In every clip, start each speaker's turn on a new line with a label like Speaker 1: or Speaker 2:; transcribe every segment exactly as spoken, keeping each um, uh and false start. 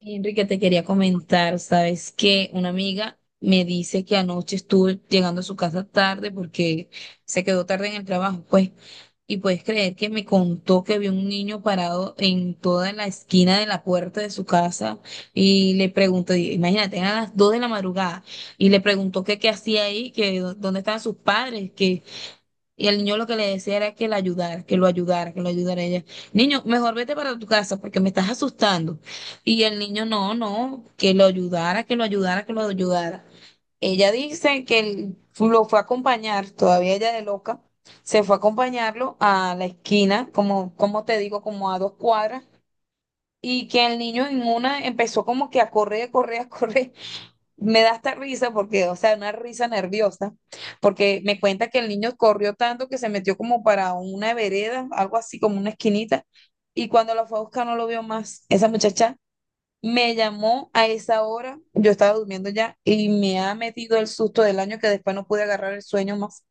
Speaker 1: Sí, Enrique, te quería comentar, sabes que una amiga me dice que anoche estuve llegando a su casa tarde porque se quedó tarde en el trabajo, pues, y puedes creer que me contó que vio un niño parado en toda la esquina de la puerta de su casa y le preguntó, y- imagínate, eran las dos de la madrugada, y le preguntó que qué hacía ahí, que dó- dónde estaban sus padres, y el niño lo que le decía era que la ayudara, que lo ayudara, que lo ayudara a ella. Niño, mejor vete para tu casa porque me estás asustando. Y el niño, no, no, que lo ayudara, que lo ayudara, que lo ayudara. Ella dice que él lo fue a acompañar, todavía ella de loca, se fue a acompañarlo a la esquina, como, como te digo, como a dos cuadras, y que el niño en una empezó como que a correr, a correr, a correr, me da esta risa porque, o sea, una risa nerviosa, porque me cuenta que el niño corrió tanto que se metió como para una vereda, algo así como una esquinita, y cuando lo fue a buscar no lo vio más. Esa muchacha me llamó a esa hora, yo estaba durmiendo ya, y me ha metido el susto del año que después no pude agarrar el sueño más.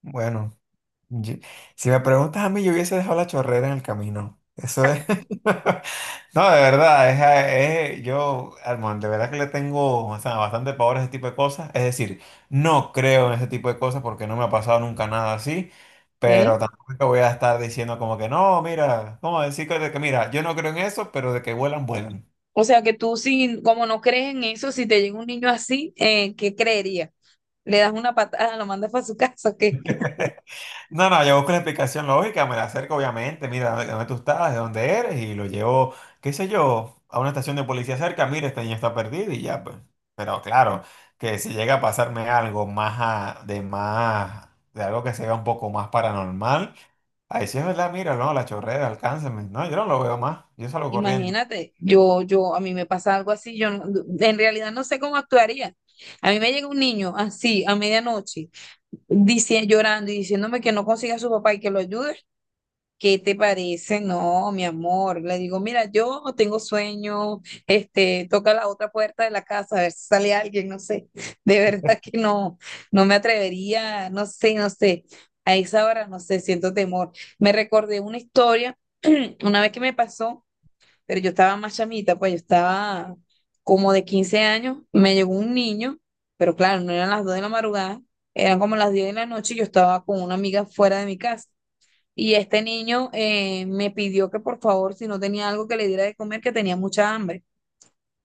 Speaker 2: Bueno, yo- si me preguntas a mí, yo hubiese dejado la chorrera en el camino. Eso es. No, de verdad, es, eh, es- yo, Armando, de verdad que le tengo, o sea, bastante pavor a ese tipo de cosas. Es decir, no creo en ese tipo de cosas porque no me ha pasado nunca nada así,
Speaker 1: ¿Eh?
Speaker 2: pero claro, tampoco es que voy a estar diciendo como que no, mira, como decir que, de que mira, yo no creo en eso, pero de que vuelan, vuelan.
Speaker 1: O sea, que tú, si, como no crees en eso, si te llega un niño así, eh, ¿qué creería? ¿Le das una patada, lo mandas para su casa o qué?
Speaker 2: No, no, yo busco la explicación lógica, me la acerco obviamente, mira de dónde tú estás, de dónde eres, y lo llevo, qué sé yo, a una estación de policía cerca, mira, esta niña está perdida y ya, pues. Pero claro, que si llega a pasarme algo más a- de más, de algo que sea un poco más paranormal, ahí sí es verdad, mira, no, la chorrera, alcánceme. No, yo no lo veo más, yo salgo corriendo.
Speaker 1: Imagínate, yo, yo, a mí me pasa algo así, yo no- en realidad no sé cómo actuaría. A mí me llega un niño así a medianoche, dici- llorando y diciéndome que no consiga a su papá y que lo ayude. ¿Qué te parece? No, mi amor. Le digo, mira, yo tengo sueño, este, toca la otra puerta de la casa a ver si sale alguien, no sé. De verdad que no, no me atrevería, no sé, no sé. A esa hora, no sé, siento temor. Me recordé una historia, una vez que me pasó, pero yo estaba más chamita, pues yo estaba como de quince años, me llegó un niño, pero claro, no eran las dos de la madrugada, eran como las diez de la noche y yo estaba con una amiga fuera de mi casa. Y este niño eh, me pidió que por favor, si no tenía algo que le diera de comer, que tenía mucha hambre.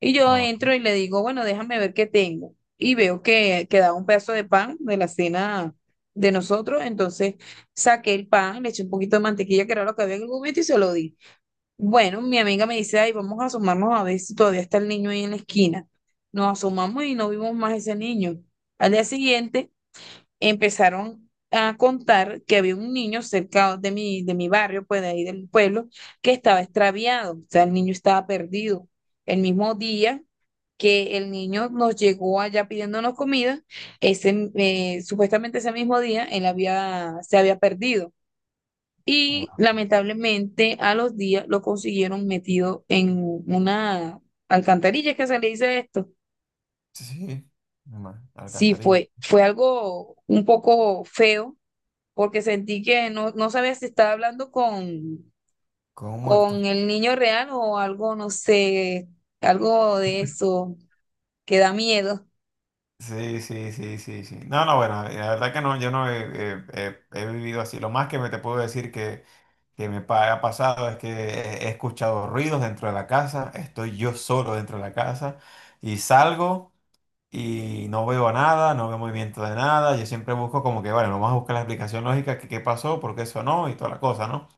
Speaker 1: Y yo
Speaker 2: Ah,
Speaker 1: entro y le digo, bueno, déjame ver qué tengo. Y veo que quedaba un pedazo de pan de la cena de nosotros. Entonces saqué el pan, le eché un poquito de mantequilla, que era lo que había en el momento, y se lo di. Bueno, mi amiga me dice, ay, vamos a asomarnos a ver si todavía está el niño ahí en la esquina. Nos asomamos y no vimos más ese niño. Al día siguiente empezaron a contar que había un niño cerca de mi, de mi barrio, pues de ahí del pueblo, que estaba extraviado, o sea, el niño estaba perdido. El mismo día que el niño nos llegó allá pidiéndonos comida, ese, eh, supuestamente ese mismo día él había, se había perdido. Y
Speaker 2: wow.
Speaker 1: lamentablemente a los días lo consiguieron metido en una alcantarilla, que se le dice esto.
Speaker 2: Sí, sí, una
Speaker 1: Sí,
Speaker 2: alcantarilla,
Speaker 1: fue, fue algo un poco feo, porque sentí que no, no sabía si estaba hablando con,
Speaker 2: con un
Speaker 1: con
Speaker 2: muerto.
Speaker 1: el niño real o algo, no sé, algo de eso que da miedo.
Speaker 2: Sí, sí, sí, sí, sí. No, no, bueno, eh, la verdad que no, yo no he, he- he- he vivido así. Lo más que me te puedo decir que, que me pa- ha pasado es que he, he escuchado ruidos dentro de la casa, estoy yo solo dentro de la casa y salgo y no veo nada, no veo movimiento de nada. Yo siempre busco como que, bueno, vamos a buscar la explicación lógica que qué pasó, por qué sonó y toda la cosa, ¿no?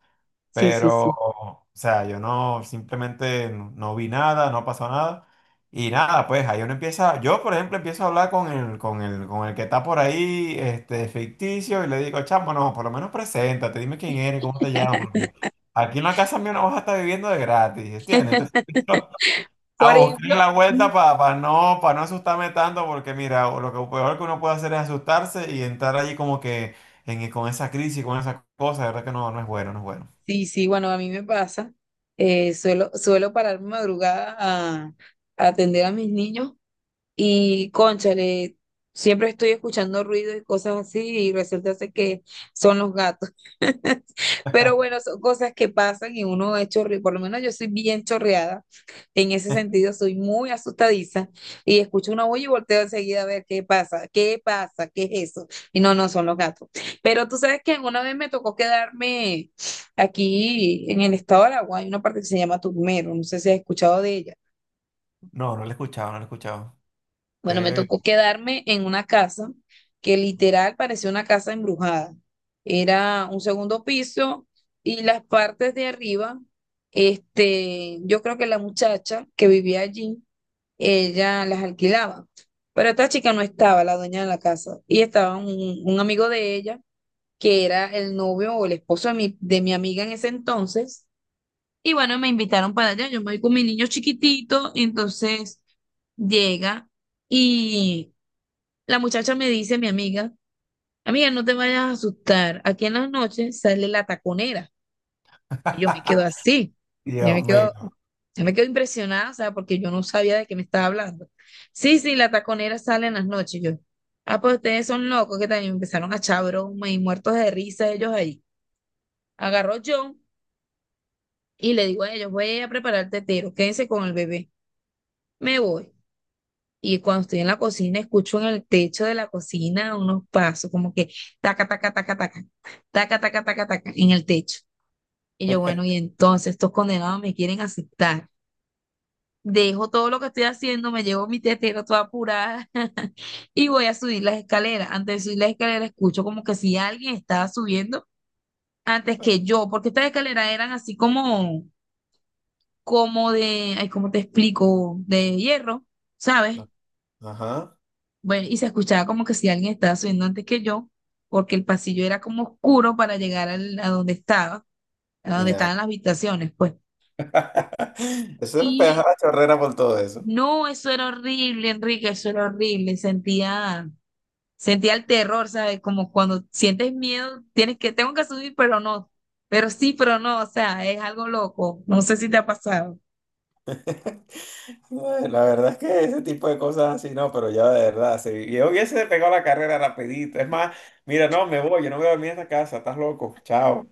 Speaker 1: Sí, sí,
Speaker 2: Pero,
Speaker 1: sí.
Speaker 2: o sea, yo no, simplemente no, no vi nada, no pasó nada. Y nada, pues ahí uno empieza, yo por ejemplo empiezo a hablar con el, con el, con el que está por ahí, este, ficticio, y le digo, chamo, no, por lo menos preséntate, dime quién eres, cómo te llamas, porque aquí en la casa mía no vas a estar viviendo de gratis, ¿entiendes? Entonces empiezo
Speaker 1: Por
Speaker 2: a buscar
Speaker 1: ejemplo,
Speaker 2: la
Speaker 1: mm,
Speaker 2: vuelta para no, para no asustarme tanto, porque mira, lo que peor que uno puede hacer es asustarse y entrar allí como que en, con esa crisis, con esa cosa, de verdad que no, no es bueno, no es bueno.
Speaker 1: sí, sí, bueno, a mí me pasa. eh, suelo, suelo pararme madrugada a, a atender a mis niños. Y cónchale, siempre estoy escuchando ruidos y cosas así y resulta ser que son los gatos. Pero bueno, son cosas que pasan y uno es chorre, por lo menos yo soy bien chorreada. En ese sentido, soy muy asustadiza y escucho una bulla y volteo enseguida a ver qué pasa, qué pasa, qué es eso. Y no, no son los gatos. Pero tú sabes que una vez me tocó quedarme aquí en el estado de Aragua, hay una parte que se llama Turmero, no sé si has escuchado de ella.
Speaker 2: No, no lo he escuchado, no lo he escuchado.
Speaker 1: Bueno, me
Speaker 2: Qué-
Speaker 1: tocó quedarme en una casa que literal parecía una casa embrujada. Era un segundo piso y las partes de arriba, este, yo creo que la muchacha que vivía allí, ella las alquilaba. Pero esta chica no estaba, la dueña de la casa, y estaba un, un amigo de ella, que era el novio o el esposo de mi, de mi amiga en ese entonces. Y bueno, me invitaron para allá, yo me voy con mi niño chiquitito, y entonces llega y la muchacha me dice, mi amiga, amiga, no te vayas a asustar. Aquí en las noches sale la taconera. Y yo me quedo así. Yo me
Speaker 2: Dios mío.
Speaker 1: quedo, yo me quedo impresionada, o sea, porque yo no sabía de qué me estaba hablando. Sí, sí, la taconera sale en las noches. Yo, ah, pues ustedes son locos, que también empezaron a echar broma y muertos de risa ellos ahí. Agarró John y le digo a ellos, voy a preparar el tetero, quédense con el bebé. Me voy. Y cuando estoy en la cocina, escucho en el techo de la cocina unos pasos, como que taca, taca, taca, taca, taca, taca, taca, taca, en el techo. Y yo, bueno, y entonces estos condenados me quieren aceptar. Dejo todo lo que estoy haciendo, me llevo mi tetero toda apurada y voy a subir las escaleras. Antes de subir las escaleras, escucho como que si alguien estaba subiendo antes que yo, porque estas escaleras eran así como, como de, ay, ¿cómo te explico? De hierro, ¿sabes?
Speaker 2: Ajá,
Speaker 1: Bueno, y se escuchaba como que si alguien estaba subiendo antes que yo, porque el pasillo era como oscuro para llegar al- a donde estaba, a donde
Speaker 2: mira.
Speaker 1: estaban las habitaciones, pues.
Speaker 2: Eso me pegaba
Speaker 1: Y
Speaker 2: la chorrera por todo eso.
Speaker 1: no, eso era horrible, Enrique, eso era horrible. Sentía, sentía el terror, ¿sabes? Como cuando sientes miedo, tienes que, tengo que subir, pero no. Pero sí, pero no, o sea, es algo loco. No sé si te ha pasado.
Speaker 2: Ay, la verdad es que ese tipo de cosas así no, pero ya de verdad, sí. Yo hubiese pegado la carrera rapidito. Es más, mira, no, me voy, yo no voy a dormir en esta casa, estás loco, chao.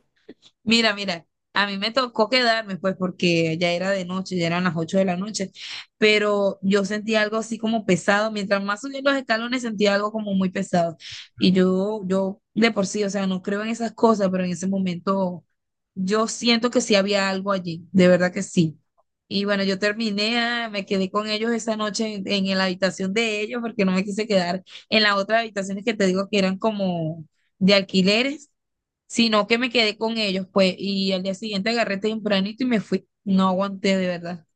Speaker 1: Mira, mira, a mí me tocó quedarme, pues, porque ya era de noche, ya eran las ocho de la noche, pero yo sentí algo así como pesado, mientras más subía los escalones sentía algo como muy pesado. Y yo, yo de por sí, o sea, no creo en esas cosas, pero en ese momento yo siento que sí había algo allí, de verdad que sí. Y bueno, yo terminé, ah, me quedé con ellos esa noche en, en la habitación de ellos porque no me quise quedar en las otras habitaciones que te digo que eran como de alquileres, sino que me quedé con ellos, pues, y al día siguiente agarré tempranito y me fui. No aguanté de verdad.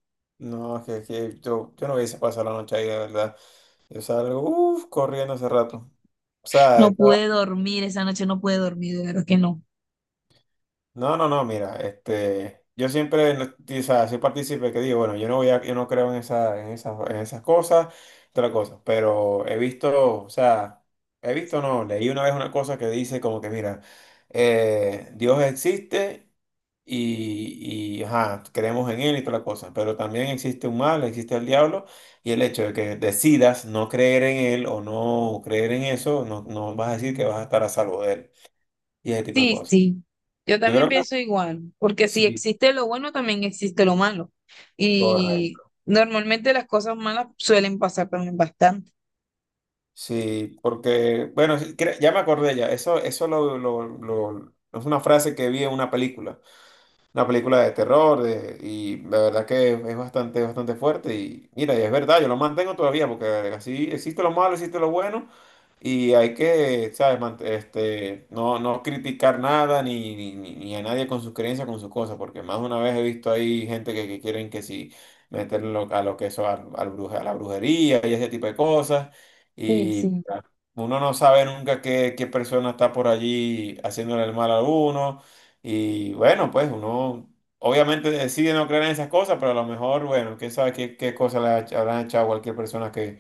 Speaker 2: No, es que, es que yo, yo no hubiese pasado la noche ahí, de verdad. Yo salgo, uff, corriendo hace rato. O sea,
Speaker 1: No pude dormir esa noche, no pude dormir, de verdad que no.
Speaker 2: no, no, no, mira, este, yo siempre, no- o sea, soy partícipe que digo, bueno, yo no voy a, yo no creo en esa, en esas, en esas cosas, otra cosa, pero he visto, o sea, he visto, no, leí una vez una cosa que dice como que, mira, eh, Dios existe y, y, ajá, creemos en él y toda la cosa, pero también existe un mal, existe el diablo, y el hecho de que decidas no creer en él o no creer en eso, no, no vas a decir que vas a estar a salvo de él, y ese tipo de
Speaker 1: Sí,
Speaker 2: cosas.
Speaker 1: sí. Yo
Speaker 2: Yo
Speaker 1: también
Speaker 2: creo
Speaker 1: pienso
Speaker 2: que...
Speaker 1: igual, porque si
Speaker 2: Sí.
Speaker 1: existe lo bueno, también existe lo malo. Y
Speaker 2: Correcto.
Speaker 1: normalmente las cosas malas suelen pasar también bastante.
Speaker 2: Sí, porque, bueno, sí, cre- ya me acordé ya, eso, eso lo, lo- lo- es una frase que vi en una película. Una película de terror de- y la verdad que es bastante, bastante fuerte y mira, y es verdad, yo lo mantengo todavía porque así existe lo malo, existe lo bueno y hay que, ¿sabes? Mant- Este, no, no criticar nada ni, ni, ni- ni a nadie con sus creencias, con sus cosas, porque más de una vez he visto ahí gente que, que quieren que sí meterlo a lo que eso, al, al bruja- a la brujería y ese tipo de cosas.
Speaker 1: Sí, sí.
Speaker 2: Uno no sabe nunca qué, qué persona está por allí haciéndole el mal a uno. Y bueno, pues uno obviamente decide no creer en esas cosas, pero a lo mejor, bueno, quién sabe qué, qué cosas le ha- habrán echado a cualquier persona que,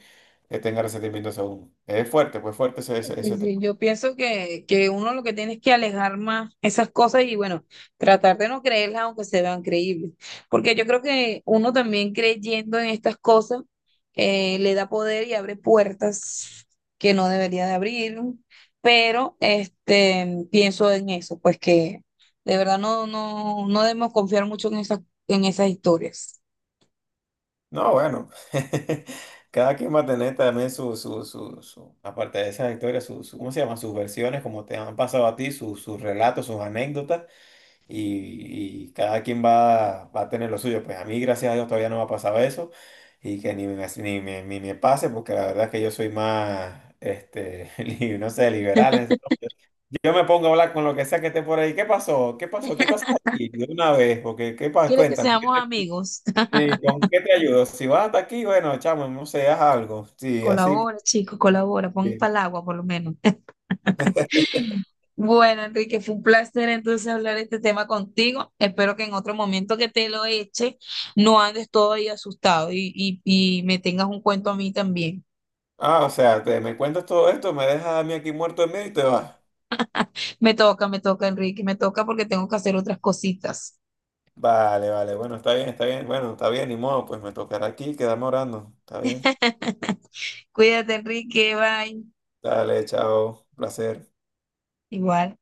Speaker 2: que tenga resentimientos a uno. Es fuerte, pues fuerte ese, ese,
Speaker 1: Sí,
Speaker 2: ese
Speaker 1: sí,
Speaker 2: tema.
Speaker 1: yo pienso que, que uno lo que tiene es que alejar más esas cosas y bueno, tratar de no creerlas aunque se vean creíbles. Porque yo creo que uno también creyendo en estas cosas eh, le da poder y abre puertas que no debería de abrir. Pero este, pienso en eso, pues que de verdad no, no, no debemos confiar mucho en esas, en esas historias.
Speaker 2: No, bueno, cada quien va a tener también su, su, su, su- aparte de esas historias, su, su- ¿cómo se llama? Sus versiones, como te han pasado a ti, sus sus relatos, sus anécdotas. Y, y cada quien va, va a tener lo suyo. Pues a mí, gracias a Dios, todavía no me ha pasado eso y que ni me, ni me, ni me pase, porque la verdad es que yo soy más, este, li- no sé, liberal en esa- yo me pongo a hablar con lo que sea que esté por ahí. ¿Qué pasó? ¿Qué pasó? ¿Qué tú haces aquí? De una vez, porque ¿qué pasa?
Speaker 1: ¿Quiere que
Speaker 2: Cuéntame, ¿qué
Speaker 1: seamos amigos?
Speaker 2: te- sí, ¿con qué te ayudo? Si vas hasta aquí, bueno, chamo, no sé, haz algo. Sí, así.
Speaker 1: Colabora, chicos, colabora, pon
Speaker 2: Sí.
Speaker 1: palagua por lo menos. Bueno, Enrique, fue un placer entonces hablar este tema contigo. Espero que en otro momento que te lo eche no andes todo ahí asustado y, y, y me tengas un cuento a mí también.
Speaker 2: Ah, o sea, te, me cuentas todo esto, me dejas a mí aquí muerto de miedo y te vas.
Speaker 1: Me toca, me toca, Enrique, me toca porque tengo que hacer otras cositas.
Speaker 2: Vale, vale, bueno, está bien, está bien, bueno, está bien, ni modo, pues me tocará aquí quedarme orando, está bien.
Speaker 1: Cuídate, Enrique, bye.
Speaker 2: Dale, chao, placer.
Speaker 1: Igual.